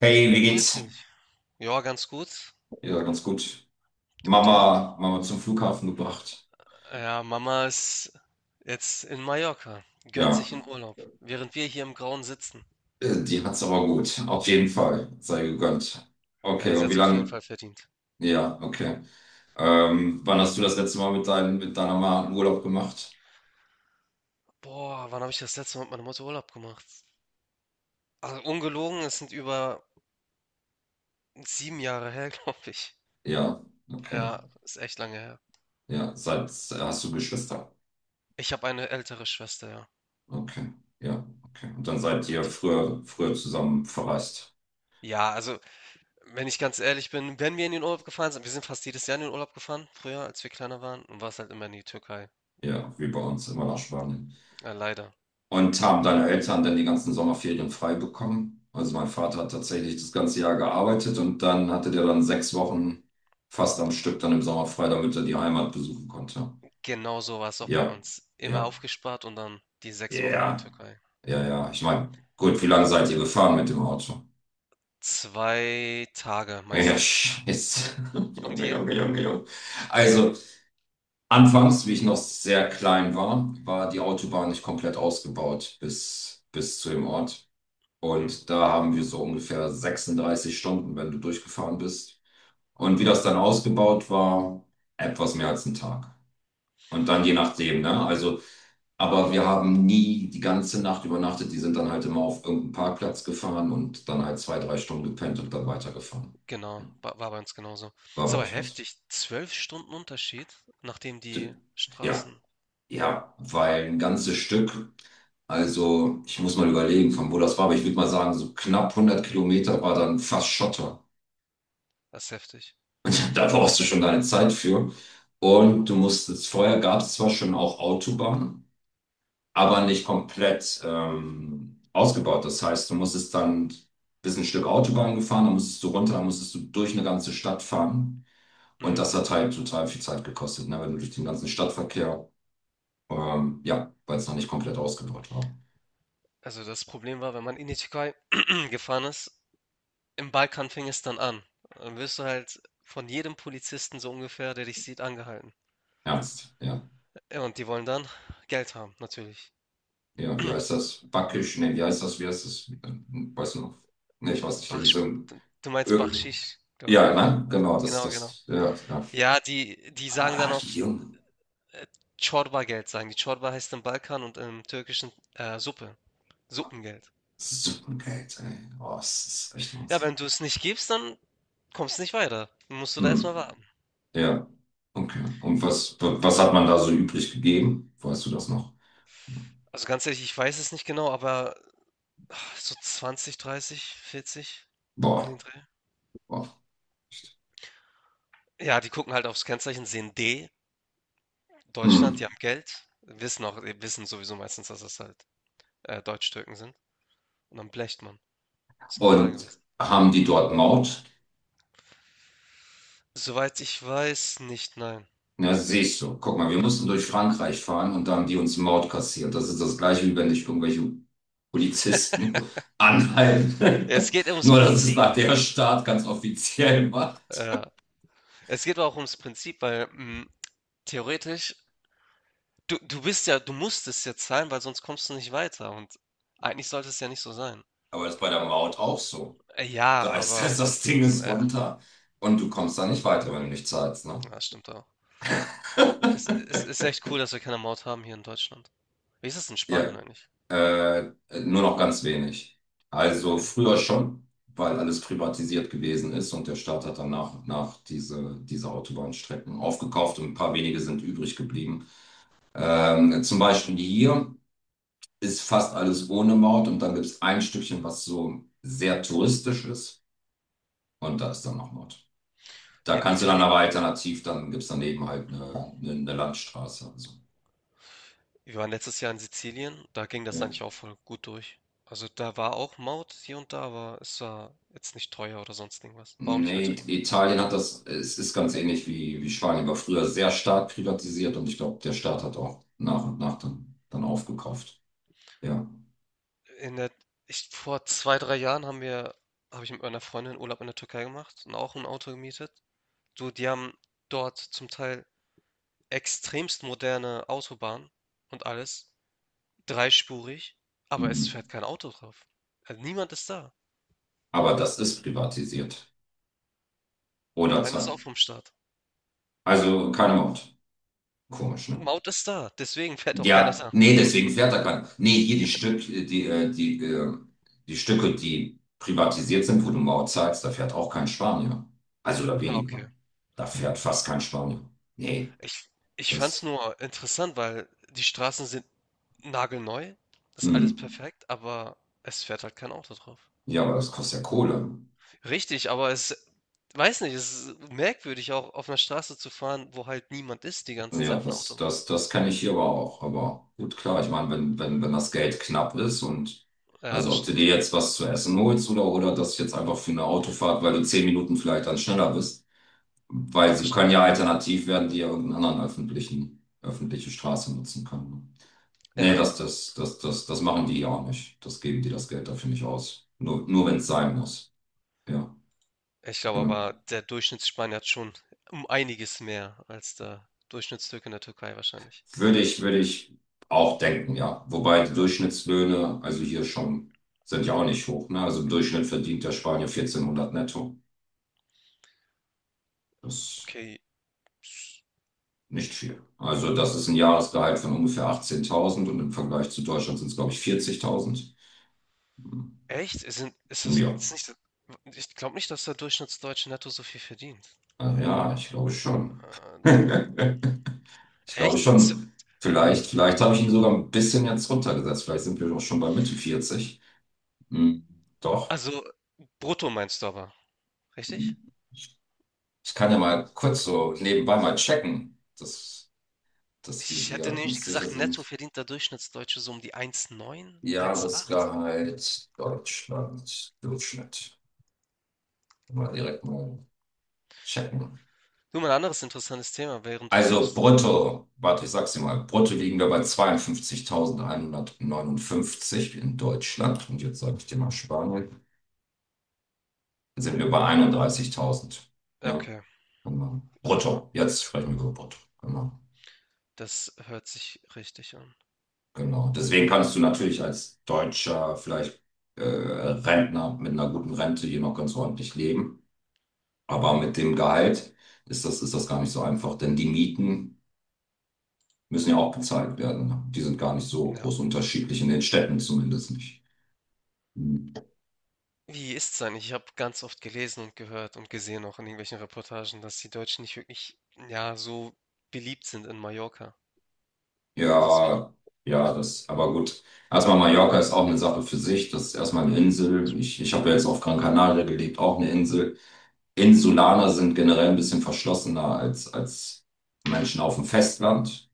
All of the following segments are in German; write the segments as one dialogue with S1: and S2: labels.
S1: Hey, wie
S2: Grüß
S1: geht's?
S2: dich. Ja, ganz gut.
S1: Ja, ganz gut.
S2: Und dir?
S1: Mama, Mama zum Flughafen gebracht.
S2: Ja, Mama ist jetzt in Mallorca, gönnt
S1: Ja,
S2: sich einen Urlaub, während wir hier im Grauen sitzen.
S1: die hat's aber gut. Auf jeden Fall. Sei gegönnt. Okay,
S2: Ja, sie
S1: und
S2: hat
S1: wie
S2: es auf jeden
S1: lange?
S2: Fall verdient.
S1: Ja, okay. Wann hast du das letzte Mal mit deiner Mama einen Urlaub gemacht?
S2: Boah, wann habe ich das letzte Mal mit meiner Mutter Urlaub gemacht? Also ungelogen, es sind über 7 Jahre her, glaube ich.
S1: Ja, okay.
S2: Ja, ist echt lange her.
S1: Ja, seit, hast du Geschwister?
S2: Ich habe eine ältere Schwester, ja.
S1: Okay, ja, okay. Und dann seid ihr
S2: Mit,
S1: früher, früher zusammen verreist.
S2: ja, also, wenn ich ganz ehrlich bin, wenn wir in den Urlaub gefahren sind, wir sind fast jedes Jahr in den Urlaub gefahren, früher, als wir kleiner waren, und war es halt immer in die Türkei.
S1: Ja, wie bei uns, immer nach Spanien.
S2: Ja, leider.
S1: Und haben deine Eltern dann die ganzen Sommerferien frei bekommen? Also mein Vater hat tatsächlich das ganze Jahr gearbeitet und dann hatte der dann 6 Wochen fast am Stück dann im Sommer frei, damit er die Heimat besuchen konnte.
S2: Genau so war es auch bei
S1: Ja,
S2: uns. Immer
S1: ja,
S2: aufgespart und dann die 6 Wochen in die
S1: ja,
S2: Türkei.
S1: ja, ja. Ich meine, gut, wie lange seid ihr gefahren mit dem Auto?
S2: 2 Tage
S1: Ja, ja,
S2: meistens.
S1: scheiße.
S2: Und
S1: Junge,
S2: ihr?
S1: Junge, Junge, Junge. Also, anfangs, wie ich noch sehr klein war, war die Autobahn nicht komplett ausgebaut bis zu dem Ort.
S2: Mhm,
S1: Und da haben wir so ungefähr 36 Stunden, wenn du durchgefahren bist. Und wie das dann ausgebaut war, etwas mehr als ein Tag. Und dann je nachdem, ne? Also, aber wir haben nie die ganze Nacht übernachtet. Die sind dann halt immer auf irgendeinen Parkplatz gefahren und dann halt 2, 3 Stunden gepennt und dann weitergefahren.
S2: genau,
S1: Ja.
S2: wa war bei uns genauso.
S1: War
S2: Ist
S1: bei
S2: aber
S1: euch was?
S2: heftig, 12 Stunden Unterschied, nachdem
S1: D-
S2: die
S1: Ja,
S2: Straßen.
S1: ja, weil ein ganzes Stück, also ich muss mal überlegen, von wo das war, aber ich würde mal sagen, so knapp 100 Kilometer war dann fast Schotter.
S2: Das ist heftig.
S1: Da brauchst du schon keine Zeit für. Und du musstest, vorher gab es zwar schon auch Autobahnen, aber nicht komplett ausgebaut. Das heißt, du musstest dann bis ein Stück Autobahn gefahren, dann musstest du runter, dann musstest du durch eine ganze Stadt fahren. Und
S2: Mhm.
S1: das hat halt total viel Zeit gekostet, ne? Wenn du durch den ganzen Stadtverkehr, ja, weil es noch nicht komplett ausgebaut war.
S2: Also das Problem war, wenn man in die Türkei gefahren ist, im Balkan fing es dann an. Dann wirst du halt von jedem Polizisten so ungefähr, der dich sieht, angehalten.
S1: Ernst, ja.
S2: Ja, und die wollen dann Geld haben, natürlich.
S1: Ja, wie heißt das? Backisch? Nee, wie heißt das? Wie heißt das? Weißt du noch? Nee, ich weiß nicht. Da
S2: Bach,
S1: gibt's
S2: du meinst
S1: irgendein-
S2: Bakschisch, glaube
S1: ja,
S2: ich.
S1: ne? Genau, das,
S2: Genau, genau.
S1: das, ja, ja.
S2: Ja, die sagen dann
S1: Ah,
S2: auch,
S1: jung.
S2: äh, Geld sagen die. Çorba heißt im Balkan und im Türkischen, Suppe, Suppengeld.
S1: Suppengeld, ey. Oh, das ist echt
S2: Ja,
S1: Wahnsinn.
S2: wenn du es nicht gibst, dann kommst du nicht weiter. Dann musst du da erst
S1: Hm.
S2: mal warten.
S1: Ja, okay. Und was, was hat man da so übrig gegeben? Weißt du das noch?
S2: Also, ganz ehrlich, ich weiß es nicht genau, aber ach, so 20, 30, 40 um den
S1: Boah,
S2: Dreh.
S1: boah.
S2: Ja, die gucken halt aufs Kennzeichen, sehen D, Deutschland, die
S1: Hm.
S2: haben Geld, wissen sowieso meistens, dass das halt, Türken sind und dann blecht man. Ist normal
S1: Und
S2: gewesen.
S1: haben die dort Maut?
S2: Soweit ich weiß, nicht, nein.
S1: Na, siehst du. Guck mal, wir mussten durch Frankreich fahren und da haben die uns Maut kassiert. Das ist das Gleiche, wie wenn dich irgendwelche Polizisten anhalten.
S2: Es geht ums
S1: Nur, dass es
S2: Prinzip.
S1: nach der Staat ganz offiziell war.
S2: Ja, es geht auch ums Prinzip, weil theoretisch, du bist ja, du musst es jetzt sein, weil sonst kommst du nicht weiter. Und eigentlich sollte es ja nicht so sein.
S1: Aber das ist bei der Maut auch so.
S2: Ja,
S1: Da ist
S2: aber
S1: das, das Ding ist
S2: ja,
S1: runter. Und du kommst da nicht weiter, wenn du nicht zahlst, ne?
S2: das stimmt auch. Es ist echt cool, dass wir keine Maut haben hier in Deutschland. Wie ist es in Spanien
S1: Ja,
S2: eigentlich?
S1: äh, nur noch ganz wenig. Also
S2: Okay.
S1: früher schon, weil alles privatisiert gewesen ist und der Staat hat dann nach und nach diese Autobahnstrecken aufgekauft und ein paar wenige sind übrig geblieben. Zum Beispiel hier ist fast alles ohne Maut und dann gibt es ein Stückchen, was so sehr touristisch ist und da ist dann noch Maut. Da
S2: Ja, in
S1: kannst du dann
S2: Italien,
S1: aber alternativ, dann gibt es daneben halt eine Landstraße. Also,
S2: wir waren letztes Jahr in Sizilien, da ging das
S1: ja.
S2: eigentlich auch voll gut durch. Also da war auch Maut hier und da, aber es war jetzt nicht teuer oder sonst irgendwas. War auch nicht
S1: Nee,
S2: übertrieben.
S1: Italien hat das, es ist ganz ähnlich wie, wie Spanien, war früher sehr stark privatisiert und ich glaube, der Staat hat auch nach und nach dann, dann aufgekauft. Ja.
S2: In der ich vor 2 3 Jahren haben wir habe ich mit meiner Freundin Urlaub in der Türkei gemacht und auch ein Auto gemietet. Du, die haben dort zum Teil extremst moderne Autobahnen und alles, dreispurig, aber
S1: Mhm.
S2: es fährt kein Auto drauf. Niemand ist da.
S1: Aber das ist privatisiert. Oder
S2: Nein, ist auch
S1: zwar.
S2: vom Staat.
S1: Also kein Mord. Komisch, ne?
S2: Maut ist da, deswegen fährt auch keiner
S1: Ja,
S2: da.
S1: nee, deswegen fährt er kein. Nee, hier die Stück, die Stücke, die privatisiert sind, wo du Maut zahlst, da fährt auch kein Spanier. Also oder
S2: Ah,
S1: weniger.
S2: okay.
S1: Da fährt fast kein Spanier. Nee,
S2: Ich ich fand's
S1: das.
S2: nur interessant, weil die Straßen sind nagelneu, ist
S1: Hm.
S2: alles perfekt, aber es fährt halt kein Auto drauf.
S1: Ja, aber das kostet ja Kohle.
S2: Richtig, aber es weiß nicht, es ist merkwürdig, auch auf einer Straße zu fahren, wo halt niemand ist die ganze Zeit
S1: Ja,
S2: auf einer
S1: das,
S2: Autobahn.
S1: das, das kann ich hier aber auch. Aber gut, klar, ich meine, wenn das Geld knapp ist und
S2: Ja,
S1: also
S2: das
S1: ob du dir
S2: stimmt.
S1: jetzt was zu essen holst oder das jetzt einfach für eine Autofahrt, weil du 10 Minuten vielleicht dann schneller bist. Weil
S2: Das
S1: sie können
S2: stimmt.
S1: ja alternativ werden, die ja irgendeinen anderen öffentlichen, öffentliche Straße nutzen können. Nee,
S2: Ja,
S1: das machen die ja auch nicht. Das geben die das Geld dafür nicht aus. Nur wenn es sein muss. Ja,
S2: ich glaube
S1: genau.
S2: aber, der Durchschnittsspanier hat schon um einiges mehr als der Durchschnittstürke in der Türkei wahrscheinlich.
S1: Würde ich auch denken, ja. Wobei die Durchschnittslöhne, also hier schon, sind ja auch nicht hoch, ne? Also im Durchschnitt verdient der Spanier 1.400 netto. Das ist
S2: Okay,
S1: nicht viel. Also das ist ein Jahresgehalt von ungefähr 18.000 und im Vergleich zu Deutschland sind es, glaube ich, 40.000.
S2: echt? Es sind ist das
S1: Ja.
S2: ist nicht so, ich glaube nicht, dass der Durchschnittsdeutsche netto so viel verdient.
S1: Ja, ich glaube schon.
S2: Deu
S1: Ich glaube
S2: echt? Z
S1: schon. Vielleicht habe ich ihn sogar ein bisschen jetzt runtergesetzt. Vielleicht sind wir doch schon bei Mitte 40. Hm, doch.
S2: also brutto meinst du aber, richtig?
S1: Ich kann ja mal kurz so nebenbei mal checken, dass wir
S2: Ich hätte
S1: hier
S2: nämlich
S1: uns sicher
S2: gesagt, netto
S1: sind.
S2: verdient der Durchschnittsdeutsche so um die 1,9, 1,8.
S1: Jahresgehalt Deutschland, Durchschnitt. Mal direkt mal checken.
S2: Du, mal ein anderes interessantes Thema, während du
S1: Also
S2: suchst.
S1: brutto, warte, ich sag's dir mal, brutto liegen wir bei 52.159 in Deutschland. Und jetzt sage ich dir mal Spanien, dann sind wir bei 31.000.
S2: Ja,
S1: Ja,
S2: okay,
S1: genau.
S2: ja,
S1: Brutto, jetzt sprechen wir über brutto. Genau,
S2: das hört sich richtig an.
S1: genau. Deswegen kannst du natürlich als Deutscher vielleicht Rentner mit einer guten Rente hier noch ganz ordentlich leben. Aber mit dem Gehalt ist das gar nicht so einfach, denn die Mieten müssen ja auch bezahlt werden, ne? Die sind gar nicht so
S2: Ja.
S1: groß unterschiedlich, in den Städten zumindest nicht. Hm.
S2: Wie ist es eigentlich? Ich habe ganz oft gelesen und gehört und gesehen auch in irgendwelchen Reportagen, dass die Deutschen nicht wirklich, ja, so beliebt sind in Mallorca. Ist das war.
S1: Ja, ja, das, aber gut. Erstmal Mallorca ist auch eine Sache für sich. Das ist erstmal eine Insel. Ich habe ja jetzt auf Gran Canaria gelebt, auch eine Insel. Insulaner sind generell ein bisschen verschlossener als, als Menschen auf dem Festland.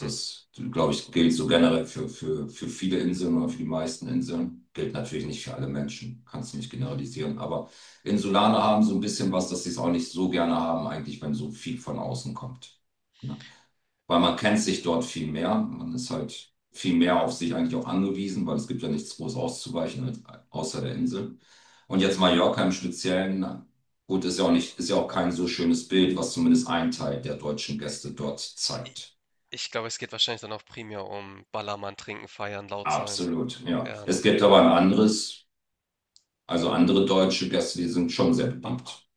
S2: Mhm.
S1: glaube ich, gilt so generell für viele Inseln oder für die meisten Inseln. Gilt natürlich nicht für alle Menschen, kannst du nicht generalisieren. Aber Insulaner haben so ein bisschen was, dass sie es auch nicht so gerne haben, eigentlich, wenn so viel von außen kommt. Ne? Weil man kennt sich dort viel mehr. Man ist halt viel mehr auf sich eigentlich auch angewiesen, weil es gibt ja nichts groß auszuweichen außer der Insel. Und jetzt Mallorca im Speziellen. Gut, ist ja auch kein so schönes Bild, was zumindest ein Teil der deutschen Gäste dort
S2: I-
S1: zeigt.
S2: Ich glaube, es geht wahrscheinlich dann auch primär um Ballermann trinken, feiern, laut sein.
S1: Absolut, ja.
S2: Ja,
S1: Es
S2: ne.
S1: gibt aber ein anderes, also andere deutsche Gäste, die sind schon sehr bekannt,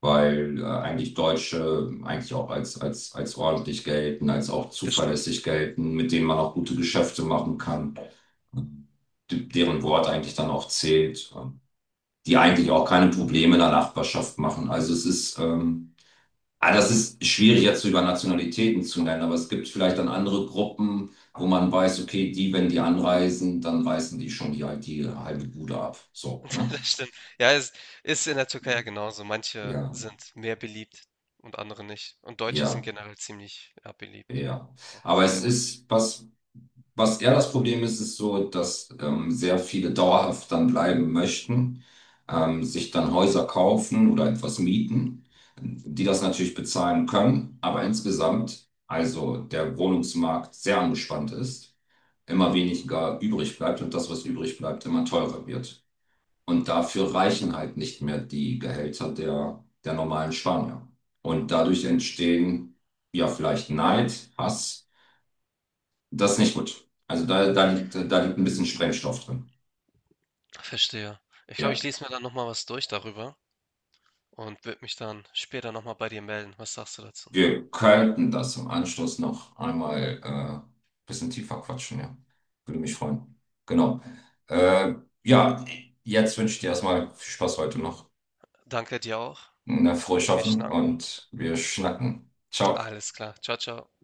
S1: weil eigentlich Deutsche eigentlich auch als, als ordentlich gelten, als auch
S2: Das stimmt.
S1: zuverlässig gelten, mit denen man auch gute Geschäfte machen kann, deren Wort eigentlich dann auch zählt, die eigentlich auch keine Probleme in der Nachbarschaft machen. Also es ist, Ah, das ist schwierig jetzt über Nationalitäten zu nennen, aber es gibt vielleicht dann andere Gruppen, wo man weiß, okay, die, wenn die anreisen, dann reißen die schon die halbe Bude ab. So, ne?
S2: Das stimmt. Ja, es ist in der Türkei ja genauso. Manche
S1: Ja,
S2: sind mehr beliebt und andere nicht. Und Deutsche sind
S1: ja,
S2: generell ziemlich, ja, beliebt.
S1: ja.
S2: Ja,
S1: Aber
S2: sind
S1: es
S2: sehr ordentlich.
S1: ist, was eher das Problem ist, ist so, dass sehr viele dauerhaft dann bleiben möchten, sich dann Häuser kaufen oder etwas mieten, die das natürlich bezahlen können, aber insgesamt, also der Wohnungsmarkt sehr angespannt ist, immer weniger übrig bleibt und das, was übrig bleibt, immer teurer wird. Und dafür reichen halt nicht mehr die Gehälter der normalen Spanier. Und dadurch entstehen ja vielleicht Neid, Hass. Das ist nicht gut. Also da liegt ein bisschen Sprengstoff drin.
S2: Verstehe. Ich glaube, ich
S1: Ja,
S2: lese mir dann nochmal was durch darüber und würde mich dann später nochmal bei dir melden. Was sagst du dazu?
S1: wir könnten das im Anschluss noch einmal ein bisschen tiefer quatschen, ja. Würde mich freuen. Genau. Äh, ja, jetzt wünsche ich dir erstmal viel Spaß heute noch.
S2: Danke dir auch.
S1: Na, frohes
S2: Wir
S1: Schaffen
S2: schnacken.
S1: und wir schnacken. Ciao.
S2: Alles klar. Ciao, ciao.